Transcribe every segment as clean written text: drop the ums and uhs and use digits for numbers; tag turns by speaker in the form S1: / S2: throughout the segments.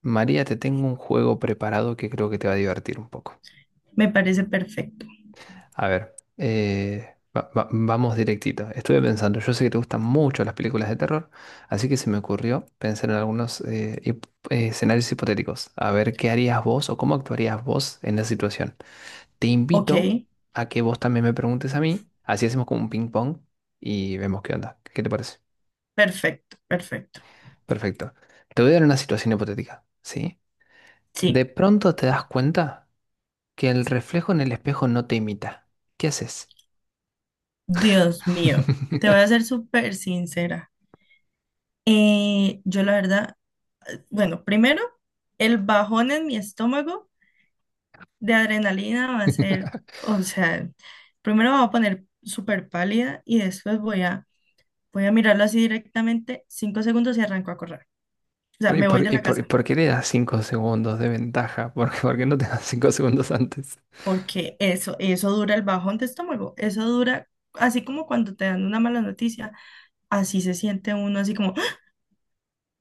S1: María, te tengo un juego preparado que creo que te va a divertir un poco.
S2: Me parece perfecto.
S1: A ver, vamos directito. Estuve pensando, yo sé que te gustan mucho las películas de terror, así que se me ocurrió pensar en algunos escenarios hipotéticos. A ver, ¿qué harías vos o cómo actuarías vos en la situación? Te
S2: Ok,
S1: invito a que vos también me preguntes a mí, así hacemos como un ping pong y vemos qué onda. ¿Qué te parece?
S2: perfecto, perfecto.
S1: Perfecto. Te voy a dar una situación hipotética, ¿sí?
S2: Sí,
S1: De pronto te das cuenta. Que el reflejo en el espejo no te imita. ¿Qué haces?
S2: Dios mío, te voy a ser súper sincera. Yo la verdad, bueno, primero, el bajón en mi estómago de adrenalina va a ser, o sea, primero me voy a poner súper pálida y después voy a mirarlo así directamente, 5 segundos y arranco a correr. O sea,
S1: ¿Y
S2: me
S1: por,
S2: voy de
S1: y
S2: la
S1: por- y
S2: casa,
S1: por qué le das 5 segundos de ventaja? ¿Por qué no te das 5 segundos antes?
S2: porque eso dura el bajón de estómago, eso dura, así como cuando te dan una mala noticia así se siente uno, así como ¡ah!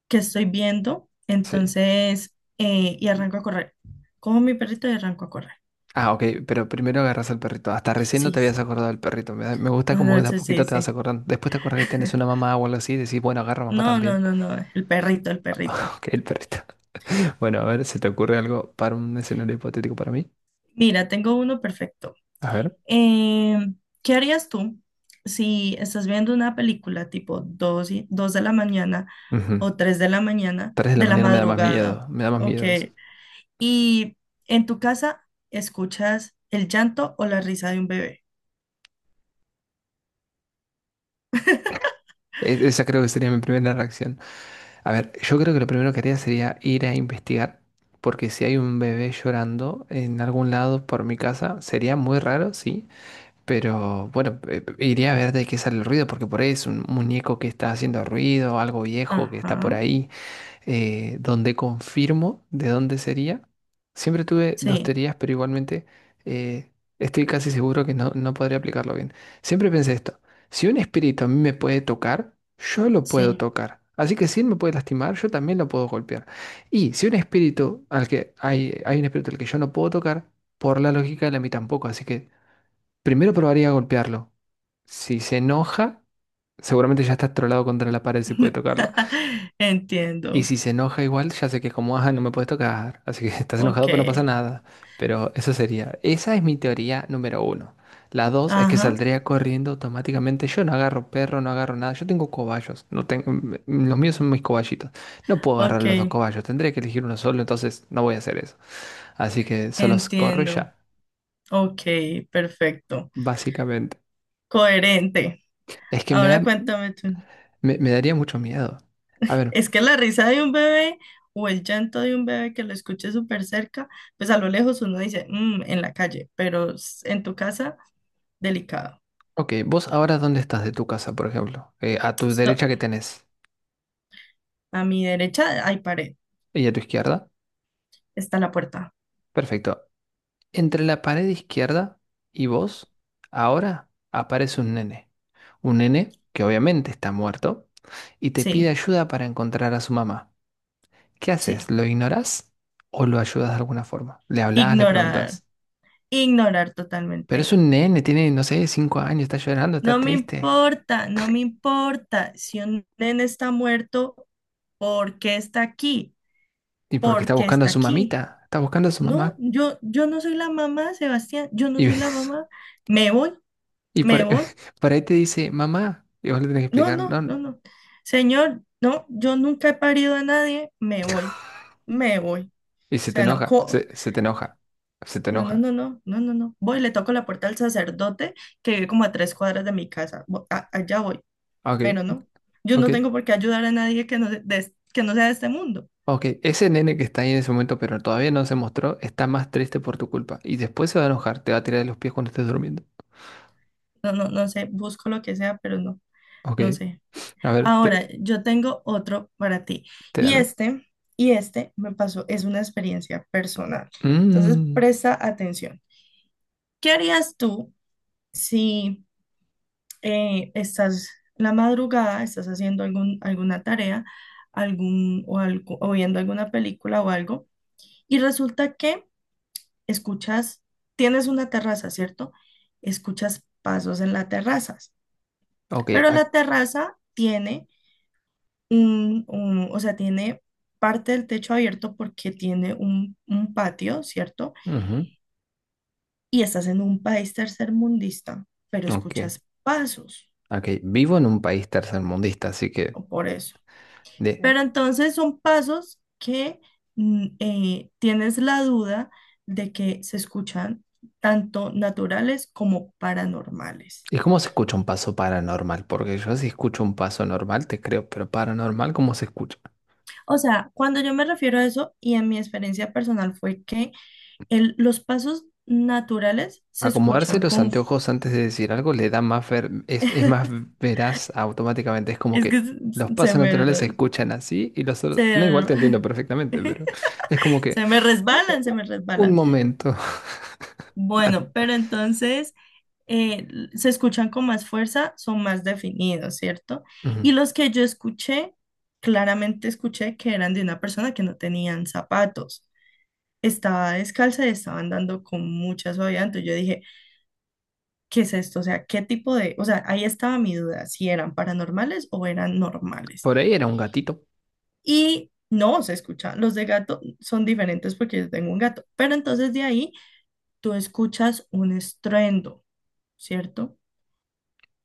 S2: Qué estoy viendo,
S1: Sí.
S2: entonces, y arranco a correr. Como mi perrito y arranco a correr.
S1: Ah, ok, pero primero agarras al perrito. Hasta recién no
S2: Sí,
S1: te
S2: sí.
S1: habías acordado del perrito. Me gusta
S2: No,
S1: como que
S2: no,
S1: de a
S2: sí, sí,
S1: poquito te vas
S2: sí.
S1: acordando. Después te acuerdas que tenés una mamá o algo así y decís, bueno, agarra mamá
S2: No, no,
S1: también.
S2: no, no, el perrito, el perrito.
S1: Ok, el perrito. Bueno, a ver, ¿se te ocurre algo para un escenario hipotético para mí?
S2: Mira, tengo uno perfecto.
S1: A ver.
S2: Eh, ¿Qué harías tú si estás viendo una película tipo 2 de la mañana
S1: Ujú.
S2: o 3 de la mañana
S1: 3 de la
S2: de la
S1: mañana me da más miedo.
S2: madrugada?
S1: Me da más
S2: Ok.
S1: miedo eso.
S2: Y en tu casa escuchas el llanto o la risa de un bebé.
S1: Esa creo que sería mi primera reacción. A ver, yo creo que lo primero que haría sería ir a investigar, porque si hay un bebé llorando en algún lado por mi casa, sería muy raro, sí, pero bueno, iría a ver de qué sale el ruido, porque por ahí es un muñeco que está haciendo ruido, algo viejo que está por
S2: Ajá.
S1: ahí donde confirmo de dónde sería. Siempre tuve dos
S2: Sí,
S1: teorías, pero igualmente eh, estoy casi seguro que no podría aplicarlo bien. Siempre pensé esto, si un espíritu a mí me puede tocar, yo lo puedo
S2: sí.
S1: tocar. Así que si él me puede lastimar, yo también lo puedo golpear. Y si un espíritu al que hay un espíritu al que yo no puedo tocar, por la lógica él a mí tampoco. Así que primero probaría a golpearlo. Si se enoja, seguramente ya está trolado contra la pared si puede tocarlo. Y
S2: Entiendo.
S1: si se enoja igual, ya sé que es como, ah, no me puedes tocar, así que estás
S2: Ok.
S1: enojado, pero no pasa nada. Pero eso sería, esa es mi teoría número uno. La dos es que
S2: Ajá.
S1: saldría corriendo automáticamente. Yo no agarro perro, no agarro nada. Yo tengo cobayos. No tengo, m- m- Los míos son mis cobayitos. No puedo agarrar
S2: Ok.
S1: los dos cobayos. Tendría que elegir uno solo, entonces no voy a hacer eso. Así que solo corro y
S2: Entiendo.
S1: ya,
S2: Ok, perfecto.
S1: básicamente.
S2: Coherente.
S1: Es que me
S2: Ahora
S1: da,
S2: cuéntame tú.
S1: Me daría mucho miedo. A ver,
S2: Es que la risa de un bebé o el llanto de un bebé que lo escuche súper cerca, pues a lo lejos uno dice, "Mm", en la calle, pero en tu casa, delicado.
S1: ok, vos ahora dónde estás de tu casa, por ejemplo. A tu
S2: Esto-
S1: derecha, ¿qué tenés?
S2: a mi derecha hay pared.
S1: ¿Y a tu izquierda?
S2: Está la puerta.
S1: Perfecto. Entre la pared izquierda y vos, ahora aparece un nene. Un nene que obviamente está muerto y te pide
S2: Sí,
S1: ayuda para encontrar a su mamá. ¿Qué haces?
S2: sí.
S1: ¿Lo ignorás o lo ayudas de alguna forma? Le hablas, le
S2: Ignorar.
S1: preguntas.
S2: Ignorar
S1: Pero es
S2: totalmente.
S1: un nene, tiene, no sé, cinco años, está llorando, está
S2: No me
S1: triste.
S2: importa, no me importa. Si un nene está muerto, ¿por qué está aquí?
S1: Y porque está
S2: ¿Por qué
S1: buscando a
S2: está
S1: su
S2: aquí?
S1: mamita, está buscando a su
S2: No,
S1: mamá.
S2: yo no soy la mamá, Sebastián, yo no
S1: Y,
S2: soy la
S1: ves-
S2: mamá. Me voy,
S1: y
S2: me
S1: por,
S2: voy.
S1: por ahí te dice, mamá. Y vos le tenés que
S2: No,
S1: explicar,
S2: no,
S1: no.
S2: no, no. Señor, no, yo nunca he parido a nadie, me voy, me voy. O
S1: Y se te
S2: sea, no,
S1: enoja, se, se te enoja, se te
S2: no, no,
S1: enoja.
S2: no, no, no, no, no. Voy, le toco la puerta al sacerdote que vive como a 3 cuadras de mi casa. Allá voy.
S1: Ah, ok,
S2: Pero no, yo
S1: ok.
S2: no tengo por qué ayudar a nadie que no, que no sea de este mundo.
S1: Ok, ese nene que está ahí en ese momento, pero todavía no se mostró, está más triste por tu culpa. Y después se va a enojar, te va a tirar de los pies cuando estés durmiendo.
S2: No, no, no sé, busco lo que sea, pero no,
S1: Ok,
S2: no sé.
S1: a ver,
S2: Ahora, yo tengo otro para ti. Y
S1: espérame.
S2: este, y este me pasó, es una experiencia personal. Entonces,
S1: Mm,
S2: presta atención. ¿Qué harías tú si estás la madrugada, estás haciendo alguna tarea, algún, o, algo, o viendo alguna película o algo, y resulta que escuchas, tienes una terraza, ¿cierto? Escuchas pasos en la terraza,
S1: ok,
S2: pero
S1: ac-
S2: la terraza tiene o sea, tiene parte del techo abierto porque tiene un patio, ¿cierto?
S1: ujú,
S2: Y estás en un país tercermundista, pero
S1: ok,
S2: escuchas pasos,
S1: ok. Vivo en un país tercermundista, así que...
S2: o por eso.
S1: De,
S2: Pero entonces son pasos que tienes la duda de que se escuchan tanto naturales como paranormales.
S1: ¿y cómo se escucha un paso paranormal? Porque yo si escucho un paso normal, te creo, pero paranormal, ¿cómo se escucha?
S2: O sea, cuando yo me refiero a eso y en mi experiencia personal fue que los pasos naturales se
S1: Acomodarse
S2: escuchan
S1: los
S2: con.
S1: anteojos antes de decir algo le da más ver, es más veraz automáticamente. Es como
S2: Es que
S1: que los
S2: se se
S1: pasos
S2: me,
S1: naturales se
S2: re-
S1: escuchan así y los otros. No, igual
S2: se,
S1: te entiendo perfectamente, pero es como que.
S2: se me
S1: "U-
S2: resbalan, se me
S1: Un
S2: resbalan.
S1: momento. Dale.
S2: Bueno, pero entonces eh, se escuchan con más fuerza, son más definidos, ¿cierto?
S1: Ujú.
S2: Y los que yo escuché, claramente escuché que eran de una persona que no tenían zapatos. Estaba descalza y estaba andando con mucha suavidad. Entonces yo dije, ¿qué es esto? O sea, o sea, ahí estaba mi duda, si eran paranormales o eran normales.
S1: Por ahí era un gatito.
S2: Y no, se escucha, los de gato son diferentes porque yo tengo un gato, pero entonces de ahí tú escuchas un estruendo, ¿cierto?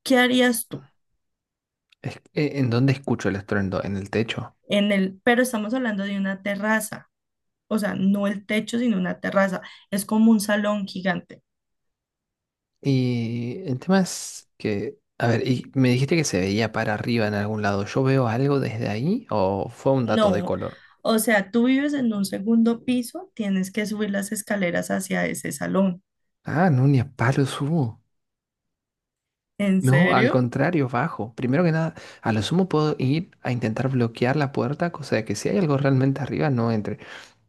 S2: ¿Qué harías tú?
S1: ¿En dónde escucho el estruendo? En el techo.
S2: Pero estamos hablando de una terraza, o sea, no el techo, sino una terraza, es como un salón gigante.
S1: Y el tema es que. A ver, y me dijiste que se veía para arriba en algún lado. ¿Yo veo algo desde ahí o fue un dato de
S2: No.
S1: color?
S2: O sea, tú vives en un segundo piso, tienes que subir las escaleras hacia ese salón.
S1: Ah, no, ni a palos hubo.
S2: ¿En
S1: No, al
S2: serio?
S1: contrario, bajo. Primero que nada, a lo sumo puedo ir a intentar bloquear la puerta, cosa de que si hay algo realmente arriba no entre.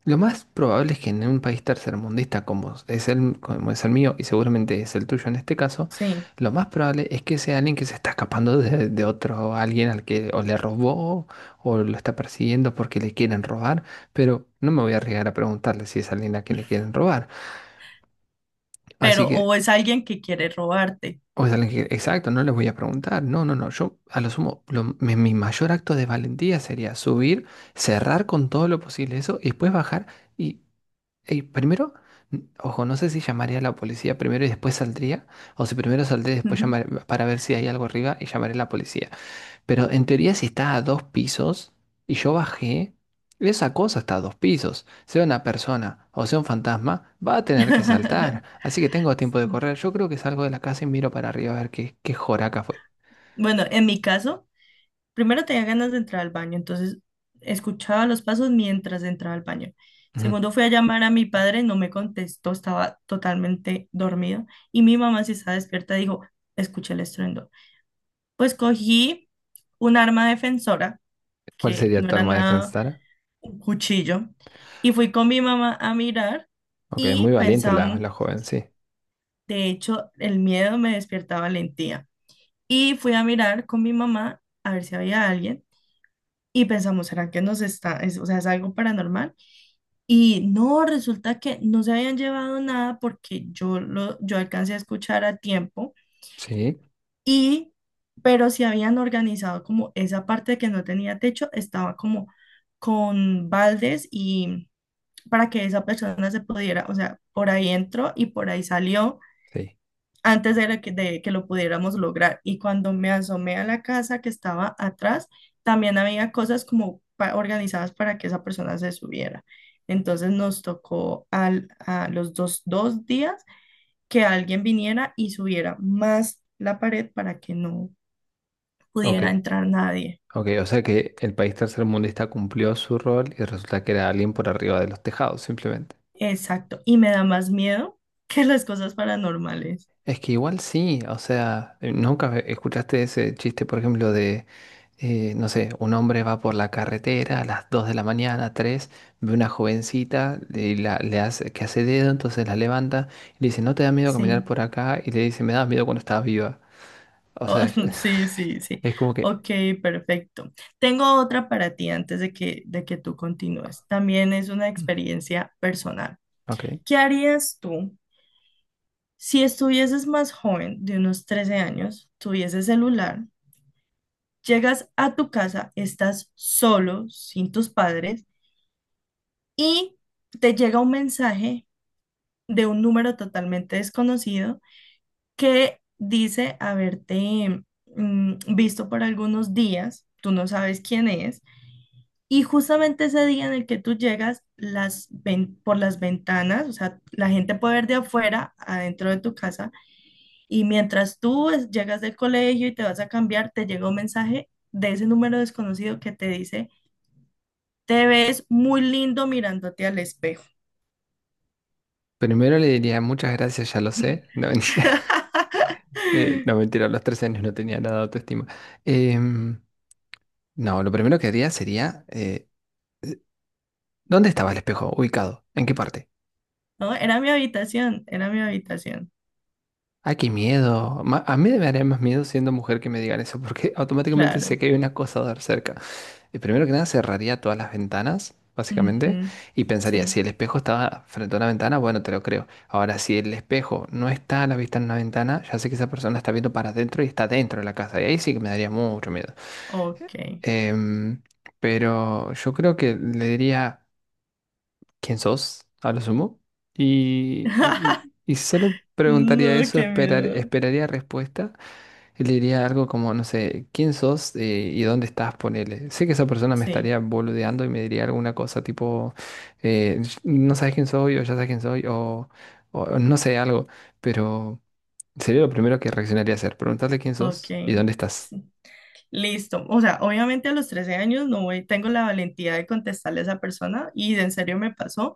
S1: Lo más probable es que en un país tercermundista como es el mío y seguramente es el tuyo en este caso,
S2: Sí.
S1: lo más probable es que sea alguien que se está escapando de otro, alguien al que o le robó o lo está persiguiendo porque le quieren robar, pero no me voy a arriesgar a preguntarle si es alguien a quien le quieren robar. Así
S2: Pero
S1: que,
S2: o es alguien que quiere robarte.
S1: o sea, le dije, exacto, no les voy a preguntar. No, no, no. Yo, a lo sumo, mi mayor acto de valentía sería subir, cerrar con todo lo posible eso y después bajar. Y, y primero, ojo, no sé si llamaría a la policía primero y después saldría, o si primero saldría y después
S2: Ujú.
S1: llamaré para ver si hay algo arriba y llamaré a la policía. Pero en teoría, si está a dos pisos y yo bajé, esa cosa está a dos pisos. Sea una persona o sea un fantasma, va a tener que saltar. Así que tengo tiempo de correr. Yo creo que salgo de la casa y miro para arriba a ver qué, qué joraca fue.
S2: Bueno, en mi caso, primero tenía ganas de entrar al baño, entonces escuchaba los pasos mientras entraba al baño.
S1: Ujú.
S2: Segundo, fui a llamar a mi padre, no me contestó, estaba totalmente dormido. Y mi mamá, si estaba despierta, dijo, escuché el estruendo. Pues cogí un arma defensora,
S1: ¿Cuál
S2: que
S1: sería
S2: no
S1: tu
S2: era
S1: arma de
S2: nada
S1: defensa?
S2: un cuchillo. Y fui con mi mamá a mirar
S1: Ok, es
S2: y
S1: muy valiente
S2: pensamos,
S1: la joven, sí.
S2: de hecho, el miedo me despierta valentía. Y fui a mirar con mi mamá a ver si había alguien y pensamos, ¿será que nos está, o sea, es algo paranormal? Y no, resulta que no se habían llevado nada porque yo alcancé a escuchar a tiempo
S1: Sí,
S2: y, pero si habían organizado como esa parte que no tenía techo, estaba como con baldes y para que esa persona se pudiera, o sea, por ahí entró y por ahí salió
S1: sí.
S2: antes de que lo pudiéramos lograr. Y cuando me asomé a la casa que estaba atrás, también había cosas como organizadas para que esa persona se subiera. Entonces nos tocó a los dos días que alguien viniera y subiera más la pared para que no
S1: Ok,
S2: pudiera entrar nadie.
S1: ok. O sea que el país tercermundista cumplió su rol y resulta que era alguien por arriba de los tejados, simplemente.
S2: Exacto. Y me da más miedo que las cosas paranormales.
S1: Es que igual sí, o sea, nunca escuchaste ese chiste, por ejemplo, no sé, un hombre va por la carretera a las 2 de la mañana, 3 ve una jovencita y le hace, que hace dedo, entonces la levanta y le dice, ¿no te da miedo caminar
S2: Sí.
S1: por acá? Y le dice, me da miedo cuando estaba viva. O
S2: Oh,
S1: sea,
S2: sí, sí, sí.
S1: es como que,
S2: Ok, perfecto. Tengo otra para ti antes de que tú continúes. También es una
S1: mm,
S2: experiencia personal.
S1: ok.
S2: ¿Qué harías tú si estuvieses más joven, de unos 13 años, tuvieses celular, llegas a tu casa, estás solo, sin tus padres, y te llega un mensaje de un número totalmente desconocido que dice haberte visto por algunos días, tú no sabes quién es. Y justamente ese día en el que tú llegas, por las ventanas, o sea, la gente puede ver de afuera, adentro de tu casa, y mientras llegas del colegio y te vas a cambiar, te llega un mensaje de ese número desconocido que te dice, te ves muy lindo mirándote al espejo.
S1: Primero le diría, muchas gracias, ya lo sé. No, mentira. No, mentira, a los 13 años no tenía nada de autoestima. Em, no, lo primero que haría sería... ¿dónde estaba el espejo ubicado? ¿En qué parte?
S2: No, era mi habitación,
S1: Ay, qué miedo. A mí me daría más miedo siendo mujer que me digan eso, porque automáticamente sé
S2: claro.
S1: que hay un acosador cerca. Y primero que nada, cerraría todas las ventanas, básicamente,
S2: Ujú.
S1: y pensaría,
S2: Sí,
S1: si el espejo estaba frente a una ventana, bueno, te lo creo. Ahora, si el espejo no está a la vista en una ventana, ya sé que esa persona está viendo para adentro y está dentro de la casa. Y ahí sí que me daría mucho miedo.
S2: ok.
S1: Em, pero yo creo que le diría... quién sos, a lo sumo. Y, y- y- y solo preguntaría
S2: No,
S1: eso,
S2: qué miedo.
S1: esperaría respuesta. Y le diría algo como, no sé, quién sos y dónde estás, ponele. Sé que esa persona me
S2: Sí,
S1: estaría boludeando y me diría alguna cosa tipo, eh, no sabes quién soy o ya sabes quién soy o no sé, algo. Pero sería lo primero que reaccionaría a hacer, preguntarle quién
S2: ok.
S1: sos y dónde estás.
S2: Listo. O sea, obviamente a los 13 años no voy, tengo la valentía de contestarle a esa persona y en serio me pasó.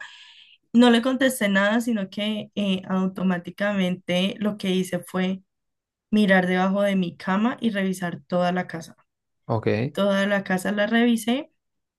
S2: No le contesté nada, sino que automáticamente lo que hice fue mirar debajo de mi cama y revisar toda la casa.
S1: Ok,
S2: Toda la casa la revisé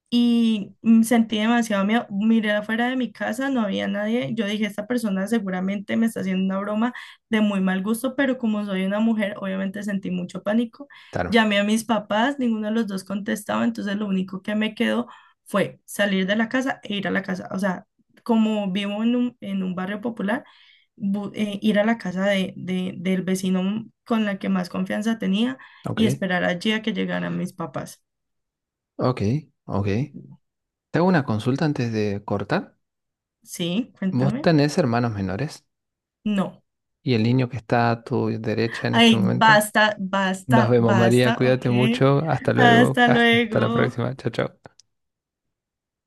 S2: y sentí demasiado miedo. Miré afuera de mi casa, no había nadie. Yo dije, esta persona seguramente me está haciendo una broma de muy mal gusto, pero como soy una mujer, obviamente sentí mucho pánico.
S1: claro.
S2: Llamé a mis papás, ninguno de los dos contestaba, entonces lo único que me quedó fue salir de la casa e ir a la casa. O sea, como vivo en un barrio popular, ir a la casa del vecino con la que más confianza tenía
S1: Ok,
S2: y esperar allí a que llegaran mis papás.
S1: ok, ok. Te hago una consulta antes de cortar.
S2: Sí,
S1: ¿Vos
S2: cuéntame.
S1: tenés hermanos menores?
S2: No.
S1: ¿Y el niño que está a tu derecha en este
S2: Ay,
S1: momento?
S2: basta,
S1: Nos
S2: basta,
S1: vemos, María.
S2: basta, ok.
S1: Cuídate mucho. Hasta luego.
S2: Hasta
S1: Hasta la
S2: luego.
S1: próxima. Chao, chao.